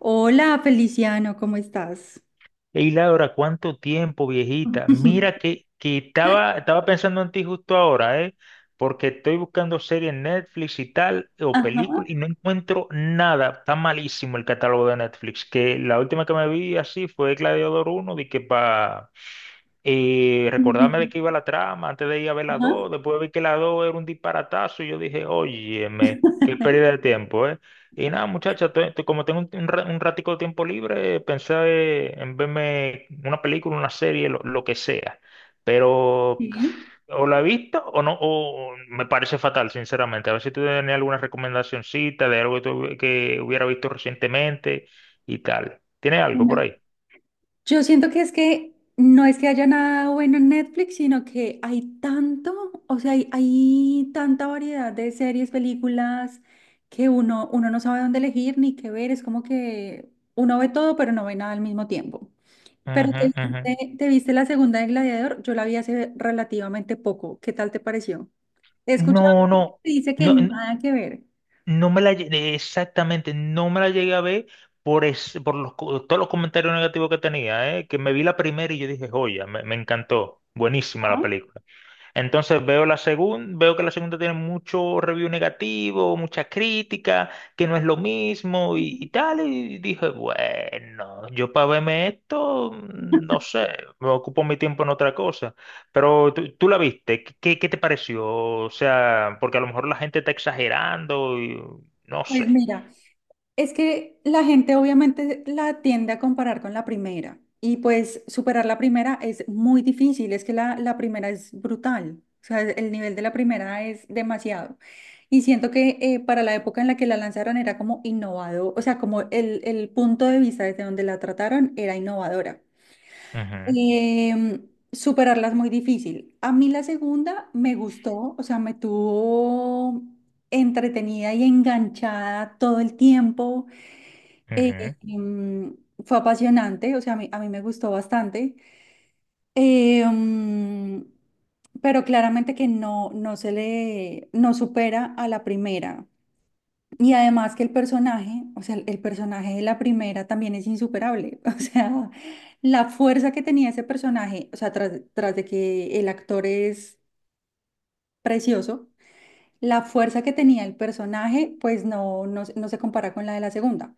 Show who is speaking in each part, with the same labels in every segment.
Speaker 1: Hola, Feliciano, ¿cómo estás?
Speaker 2: Ey, Laura, ¿cuánto tiempo, viejita? Mira que estaba pensando en ti justo ahora, ¿eh? Porque estoy buscando series en Netflix y tal, o películas, y no encuentro nada. Está malísimo el catálogo de Netflix. Que la última que me vi así fue Gladiador uno de que para recordarme de
Speaker 1: Ujú.
Speaker 2: qué iba la trama, antes de ir a ver la 2, después vi que la 2 era un disparatazo, y yo dije, óyeme, qué pérdida de tiempo, ¿eh? Y nada, muchacha, como tengo un ratico de tiempo libre, pensé en verme una película, una serie, lo que sea. Pero
Speaker 1: Sí.
Speaker 2: o la he visto o no, o me parece fatal, sinceramente. A ver si tú tienes alguna recomendacioncita de algo que hubiera visto recientemente y tal. ¿Tienes algo por
Speaker 1: Una-
Speaker 2: ahí?
Speaker 1: Yo siento que es que no es que haya nada bueno en Netflix, sino que hay tanto, o sea, hay tanta variedad de series, películas, que uno no sabe dónde elegir ni qué ver. Es como que uno ve todo, pero no ve nada al mismo tiempo. Pero
Speaker 2: Ujú, ujú.
Speaker 1: te viste la segunda de Gladiador, yo la vi hace relativamente poco. ¿Qué tal te pareció? He escuchado
Speaker 2: No,
Speaker 1: que
Speaker 2: no,
Speaker 1: dice que
Speaker 2: no.
Speaker 1: nada que ver.
Speaker 2: No me exactamente, no me la llegué a ver por todos los comentarios negativos que tenía, que me vi la primera y yo dije, joya, me encantó, buenísima la
Speaker 1: Ah,
Speaker 2: película. Entonces veo la segunda, veo que la segunda tiene mucho review negativo, mucha crítica, que no es lo mismo y tal. Y dije, bueno, yo para verme esto, no sé, me ocupo mi tiempo en otra cosa. Pero tú la viste, ¿qué qué te pareció? O sea, porque a lo mejor la gente está exagerando y no sé.
Speaker 1: pues mira. Es que la gente obviamente la tiende a comparar con la primera y pues superar la primera es muy difícil, es que la primera es brutal, o sea, el nivel de la primera es demasiado. Y siento que para la época en la que la lanzaron era como innovador, o sea, como el punto de vista desde donde la trataron era innovadora.
Speaker 2: Ujú,
Speaker 1: Superarla es muy difícil. A mí la segunda me gustó, o sea, me tuvo entretenida y enganchada todo el tiempo. Eh,
Speaker 2: ujú,
Speaker 1: em, fue apasionante, o sea, a mí me gustó bastante. Eh, mm, pero claramente que no, no supera a la primera. Y además que el personaje, o sea, el personaje de la primera también es insuperable, o sea, la fuerza que tenía ese personaje, o sea, tras de que el actor es precioso, la fuerza que tenía el personaje, pues no, no, se no se compara con la de la segunda.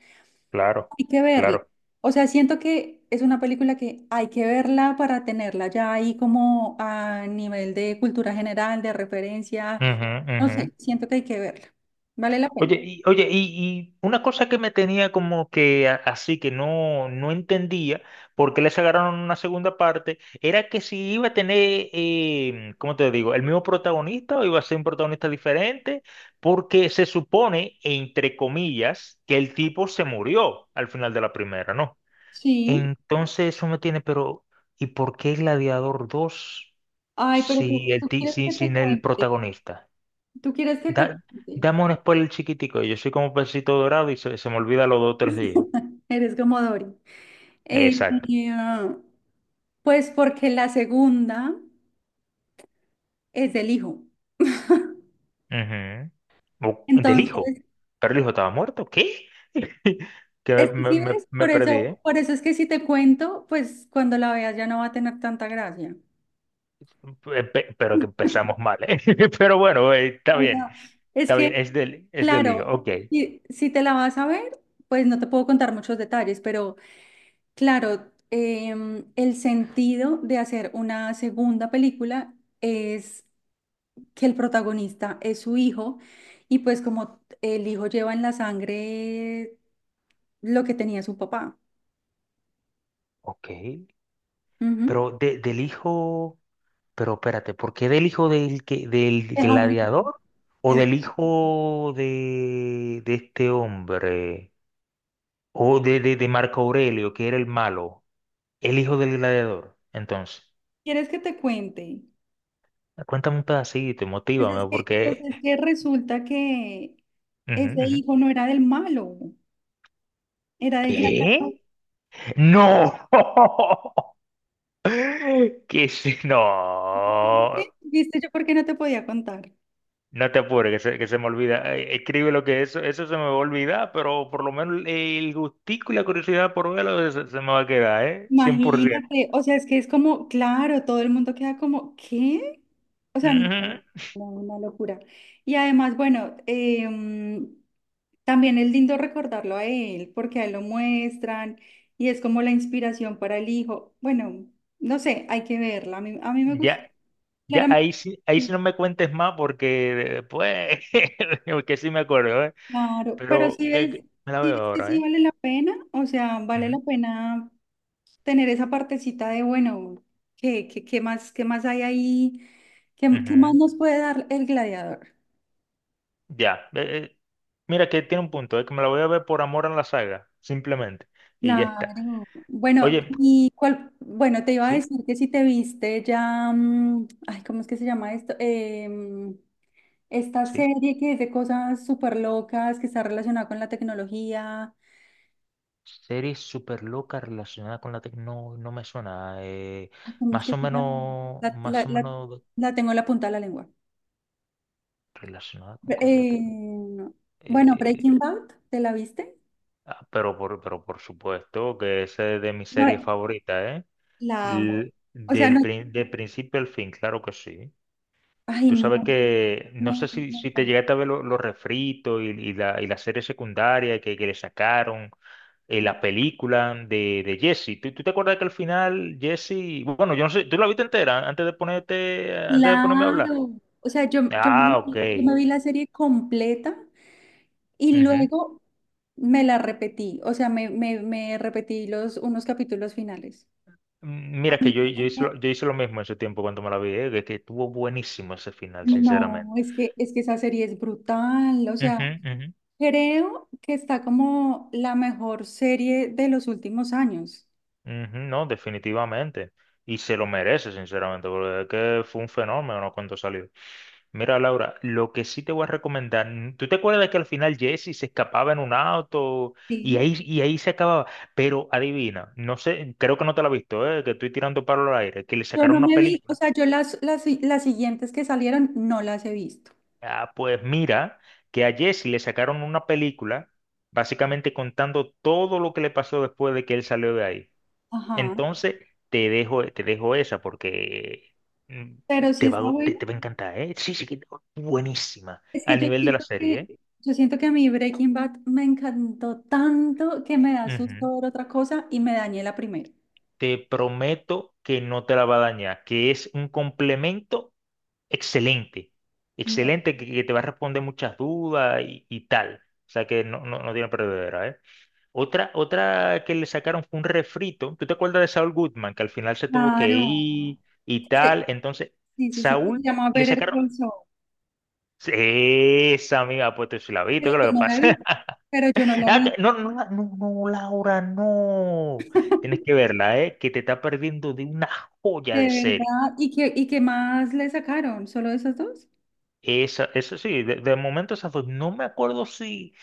Speaker 2: claro,
Speaker 1: Hay que verla.
Speaker 2: claro.
Speaker 1: O sea, siento que es una película que hay que verla para tenerla ya ahí como a nivel de cultura general, de referencia.
Speaker 2: Ujú,
Speaker 1: No
Speaker 2: ujú.
Speaker 1: sé, siento que hay que verla. Vale la pena.
Speaker 2: Oye, y una cosa que me tenía como que así que no, no entendía por qué les agarraron una segunda parte, era que si iba a tener, ¿cómo te digo?, el mismo protagonista o iba a ser un protagonista diferente, porque se supone, entre comillas, que el tipo se murió al final de la primera, ¿no?
Speaker 1: Sí.
Speaker 2: Entonces eso me tiene, pero ¿y por qué Gladiador 2
Speaker 1: Ay, pero tú, tú quieres
Speaker 2: si,
Speaker 1: que te
Speaker 2: sin el
Speaker 1: cuente.
Speaker 2: protagonista?
Speaker 1: Tú quieres que te
Speaker 2: Da-
Speaker 1: cuente.
Speaker 2: dame un spoiler chiquitico. Yo soy como pesito dorado y se me olvida los dos otros días.
Speaker 1: Eres como Dory. Eh,
Speaker 2: Exacto.
Speaker 1: ah, pues porque la segunda es del hijo.
Speaker 2: Ujú. O- Del hijo.
Speaker 1: Entonces,
Speaker 2: Pero el hijo estaba muerto. ¿Qué? Que
Speaker 1: es que sí ves,
Speaker 2: me perdí, ¿eh?
Speaker 1: por eso es que si te cuento, pues cuando la veas ya no va a tener tanta gracia.
Speaker 2: Pero que empezamos mal, ¿eh? Pero bueno,
Speaker 1: O
Speaker 2: está bien.
Speaker 1: sea, es
Speaker 2: Está bien.
Speaker 1: que,
Speaker 2: Es es del hijo.
Speaker 1: claro,
Speaker 2: Ok.
Speaker 1: si, si te la vas a ver, pues no te puedo contar muchos detalles, pero claro, el sentido de hacer una segunda película es que el protagonista es su hijo y pues como el hijo lleva en la sangre lo que tenía su papá.
Speaker 2: Ok.
Speaker 1: Ujú.
Speaker 2: Pero del hijo. Pero espérate, ¿por qué del hijo del
Speaker 1: Deja un-
Speaker 2: gladiador? ¿O
Speaker 1: el-
Speaker 2: del hijo de este hombre? O de Marco Aurelio, que era el malo, el hijo del gladiador. Entonces,
Speaker 1: ¿Quieres que te cuente?
Speaker 2: cuéntame un pedacito, motívame,
Speaker 1: Pues
Speaker 2: porque...
Speaker 1: es que resulta que
Speaker 2: Ujú,
Speaker 1: ese
Speaker 2: ujú.
Speaker 1: hijo no era del malo, era del gladiador.
Speaker 2: ¿Qué? ¡No! ¿Qué es- No.
Speaker 1: ¿Viste? ¿Viste yo por qué no te podía contar?
Speaker 2: No te apures, que se me olvida. Escribe lo que eso se me va a olvidar, pero por lo menos el gustico y la curiosidad por se me va a quedar, ¿eh? 100%.
Speaker 1: Imagínate, o sea, es que es como, claro, todo el mundo queda como, ¿qué? O sea, no,
Speaker 2: Ujú.
Speaker 1: no, una locura. Y además, bueno, también es lindo recordarlo a él, porque a él lo muestran y es como la inspiración para el hijo. Bueno, no sé, hay que verla. A mí me gusta,
Speaker 2: Ya.
Speaker 1: claramente.
Speaker 2: Ahí sí no me cuentes más porque pues, que sí me acuerdo, ¿eh?
Speaker 1: Claro, pero
Speaker 2: Pero me la veo
Speaker 1: sí es que
Speaker 2: ahora,
Speaker 1: sí
Speaker 2: ¿eh?
Speaker 1: vale la pena, o sea, vale
Speaker 2: Ujú,
Speaker 1: la pena tener esa partecita de, bueno, ¿qué, qué más, qué más hay ahí? ¿Qué, qué más
Speaker 2: ujú.
Speaker 1: nos puede dar el gladiador?
Speaker 2: Ya. Mira que tiene un punto, es que me la voy a ver por amor a la saga, simplemente. Y ya está.
Speaker 1: Claro. Bueno,
Speaker 2: Oye,
Speaker 1: y cuál, bueno, te iba a
Speaker 2: sí,
Speaker 1: decir que si te viste ya, ay, ¿cómo es que se llama esto? Esta
Speaker 2: sí.
Speaker 1: serie que es de cosas súper locas, que está relacionada con la tecnología.
Speaker 2: Serie súper loca relacionada con la tecnología, no, no me suena.
Speaker 1: Ay, ¿cómo es que se llama?
Speaker 2: Más o menos
Speaker 1: La tengo en la punta de la lengua.
Speaker 2: relacionada con cosas de tecnología.
Speaker 1: Eh, bueno,
Speaker 2: Eh,
Speaker 1: Breaking Bad, ¿te la viste?
Speaker 2: pero pero por supuesto que esa es de mis series
Speaker 1: No,
Speaker 2: favoritas, ¿eh?
Speaker 1: la amo. O sea,
Speaker 2: Del,
Speaker 1: no,
Speaker 2: de principio al fin, claro que sí.
Speaker 1: ay,
Speaker 2: Tú
Speaker 1: no,
Speaker 2: sabes que, no sé
Speaker 1: me
Speaker 2: si te
Speaker 1: encanta.
Speaker 2: llegaste a ver los refritos y y la serie secundaria que le sacaron, la película de Jesse. Tú te acuerdas que al final Jesse, bueno, yo no sé, ¿tú la viste entera antes de ponerte, antes de ponerme a hablar?
Speaker 1: Claro. O sea, yo,
Speaker 2: Ah, ok.
Speaker 1: yo me vi la serie completa y
Speaker 2: Ujú.
Speaker 1: luego me la repetí. O sea, me repetí los, unos capítulos finales.
Speaker 2: Mm, mira que yo hice, yo hice lo mismo en su tiempo cuando me la vi, que estuvo buenísimo ese final, sinceramente.
Speaker 1: No, es que esa serie es brutal. O
Speaker 2: Ujú,
Speaker 1: sea,
Speaker 2: ujú.
Speaker 1: creo que está como la mejor serie de los últimos años.
Speaker 2: Ujú, no, definitivamente. Y se lo merece, sinceramente, porque es que fue un fenómeno, ¿no?, cuando salió. Mira, Laura, lo que sí te voy a recomendar, ¿tú te acuerdas que al final Jesse se escapaba en un auto
Speaker 1: Sí.
Speaker 2: y ahí se acababa? Pero adivina, no sé, creo que no te la has visto, ¿eh?, que estoy tirando palo al aire, que le
Speaker 1: Yo
Speaker 2: sacaron
Speaker 1: no
Speaker 2: una
Speaker 1: me vi, o
Speaker 2: película.
Speaker 1: sea, yo las siguientes que salieron no las he visto.
Speaker 2: Ah, pues mira, que a Jesse le sacaron una película, básicamente contando todo lo que le pasó después de que él salió de ahí.
Speaker 1: Ajá.
Speaker 2: Entonces, te dejo esa porque mm,
Speaker 1: Pero sí está bueno.
Speaker 2: te va a encantar, ¿eh? Sí, buenísima.
Speaker 1: Es que
Speaker 2: Al
Speaker 1: yo
Speaker 2: nivel de la
Speaker 1: siento
Speaker 2: serie,
Speaker 1: que,
Speaker 2: ¿eh?
Speaker 1: yo siento que a mí Breaking Bad me encantó tanto que me da
Speaker 2: Ujú.
Speaker 1: susto ver otra cosa y me dañé la primera.
Speaker 2: Te prometo que no te la va a dañar, que es un complemento excelente.
Speaker 1: No.
Speaker 2: Excelente, que te va a responder muchas dudas y tal. O sea que no, no, no tiene perdedera, ¿eh? Otra que le sacaron fue un refrito. ¿Tú te acuerdas de Saul Goodman, que al final se tuvo que
Speaker 1: Claro.
Speaker 2: ir y
Speaker 1: Ese-
Speaker 2: tal? Entonces,
Speaker 1: Sí, sí, sí, que
Speaker 2: Saúl
Speaker 1: se llama
Speaker 2: le
Speaker 1: Better
Speaker 2: sacaron.
Speaker 1: Call Saul.
Speaker 2: Sí, esa amiga ha puesto su labito,
Speaker 1: Pero
Speaker 2: ¿qué es
Speaker 1: yo
Speaker 2: lo que
Speaker 1: no la vi.
Speaker 2: pasa?
Speaker 1: Pero yo no la
Speaker 2: Ah,
Speaker 1: vi.
Speaker 2: no, no, no, no, Laura, no. Tienes que verla, ¿eh?, que te está perdiendo de una joya
Speaker 1: De
Speaker 2: de serie.
Speaker 1: verdad. Y qué más le sacaron? ¿Solo esas dos?
Speaker 2: Esa sí, de momento esas dos. No me acuerdo si,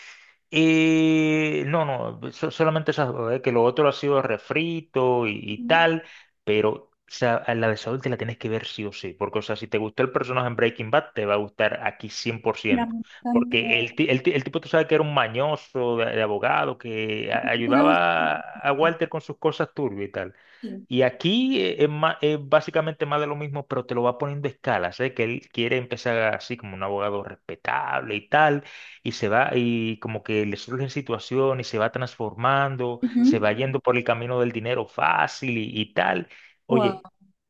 Speaker 2: No, solamente esas, dos, que lo otro ha sido refrito y
Speaker 1: Ujú.
Speaker 2: tal, pero o sea, a la de Saúl te la tienes que ver sí o sí, porque o sea, si te gustó el personaje en Breaking Bad, te va a gustar aquí cien por
Speaker 1: Ya
Speaker 2: ciento,
Speaker 1: me
Speaker 2: porque
Speaker 1: encantó.
Speaker 2: el tipo tú sabes que era un mañoso de abogado que
Speaker 1: Era un-
Speaker 2: ayudaba a Walter con sus cosas turbias y tal,
Speaker 1: Sí.
Speaker 2: y aquí es básicamente más de lo mismo, pero te lo va poniendo a escala. Sé que él quiere empezar así como un abogado respetable y tal, y como que le surgen situaciones y se va transformando, se va
Speaker 1: Ujú.
Speaker 2: yendo por el camino del dinero fácil y tal.
Speaker 1: Wow.
Speaker 2: Oye,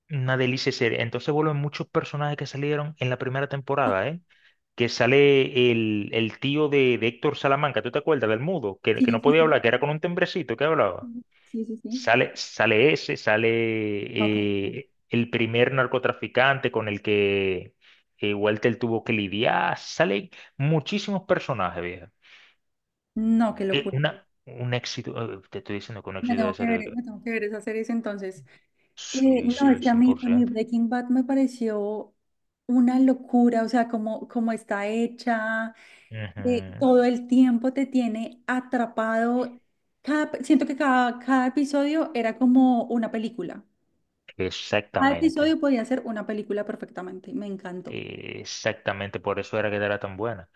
Speaker 2: una delicia serie. Entonces vuelven muchos personajes que salieron en la primera temporada, ¿eh? Que sale el tío de Héctor Salamanca, ¿tú te acuerdas del mudo?
Speaker 1: Sí,
Speaker 2: Que no
Speaker 1: sí,
Speaker 2: podía
Speaker 1: sí.
Speaker 2: hablar, que era con un tembrecito que hablaba.
Speaker 1: Sí, sí, sí, sí.
Speaker 2: Sale ese, sale
Speaker 1: No, qué locura.
Speaker 2: el primer narcotraficante con el que Walter tuvo que lidiar. Salen muchísimos personajes, vieja.
Speaker 1: No, qué locura.
Speaker 2: Un éxito, te estoy diciendo que un
Speaker 1: Me
Speaker 2: éxito de
Speaker 1: tengo que
Speaker 2: serie.
Speaker 1: ver, me tengo que ver esas series entonces.
Speaker 2: Sí,
Speaker 1: No, es
Speaker 2: sí,
Speaker 1: que a mí
Speaker 2: 100%.
Speaker 1: Breaking Bad me pareció una locura, o sea, como, como está hecha,
Speaker 2: Ujú,
Speaker 1: todo el tiempo te tiene atrapado. Cada, siento que cada, cada episodio era como una película. Cada
Speaker 2: exactamente.
Speaker 1: episodio podía ser una película perfectamente. Me encantó.
Speaker 2: Exactamente, por eso era que era tan buena.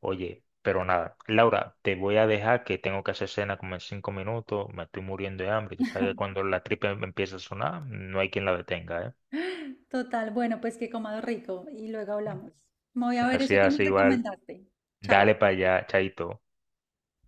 Speaker 2: Oye, pero nada, Laura, te voy a dejar que tengo que hacer cena como en 5 minutos, me estoy muriendo de hambre. Tú sabes que cuando la tripa empieza a sonar, no hay quien la detenga, ¿eh?
Speaker 1: Total, bueno, pues que comado rico y luego hablamos. Me voy a ver eso que me
Speaker 2: Gracias, igual,
Speaker 1: recomendaste.
Speaker 2: dale
Speaker 1: Chao.
Speaker 2: para allá, chaito.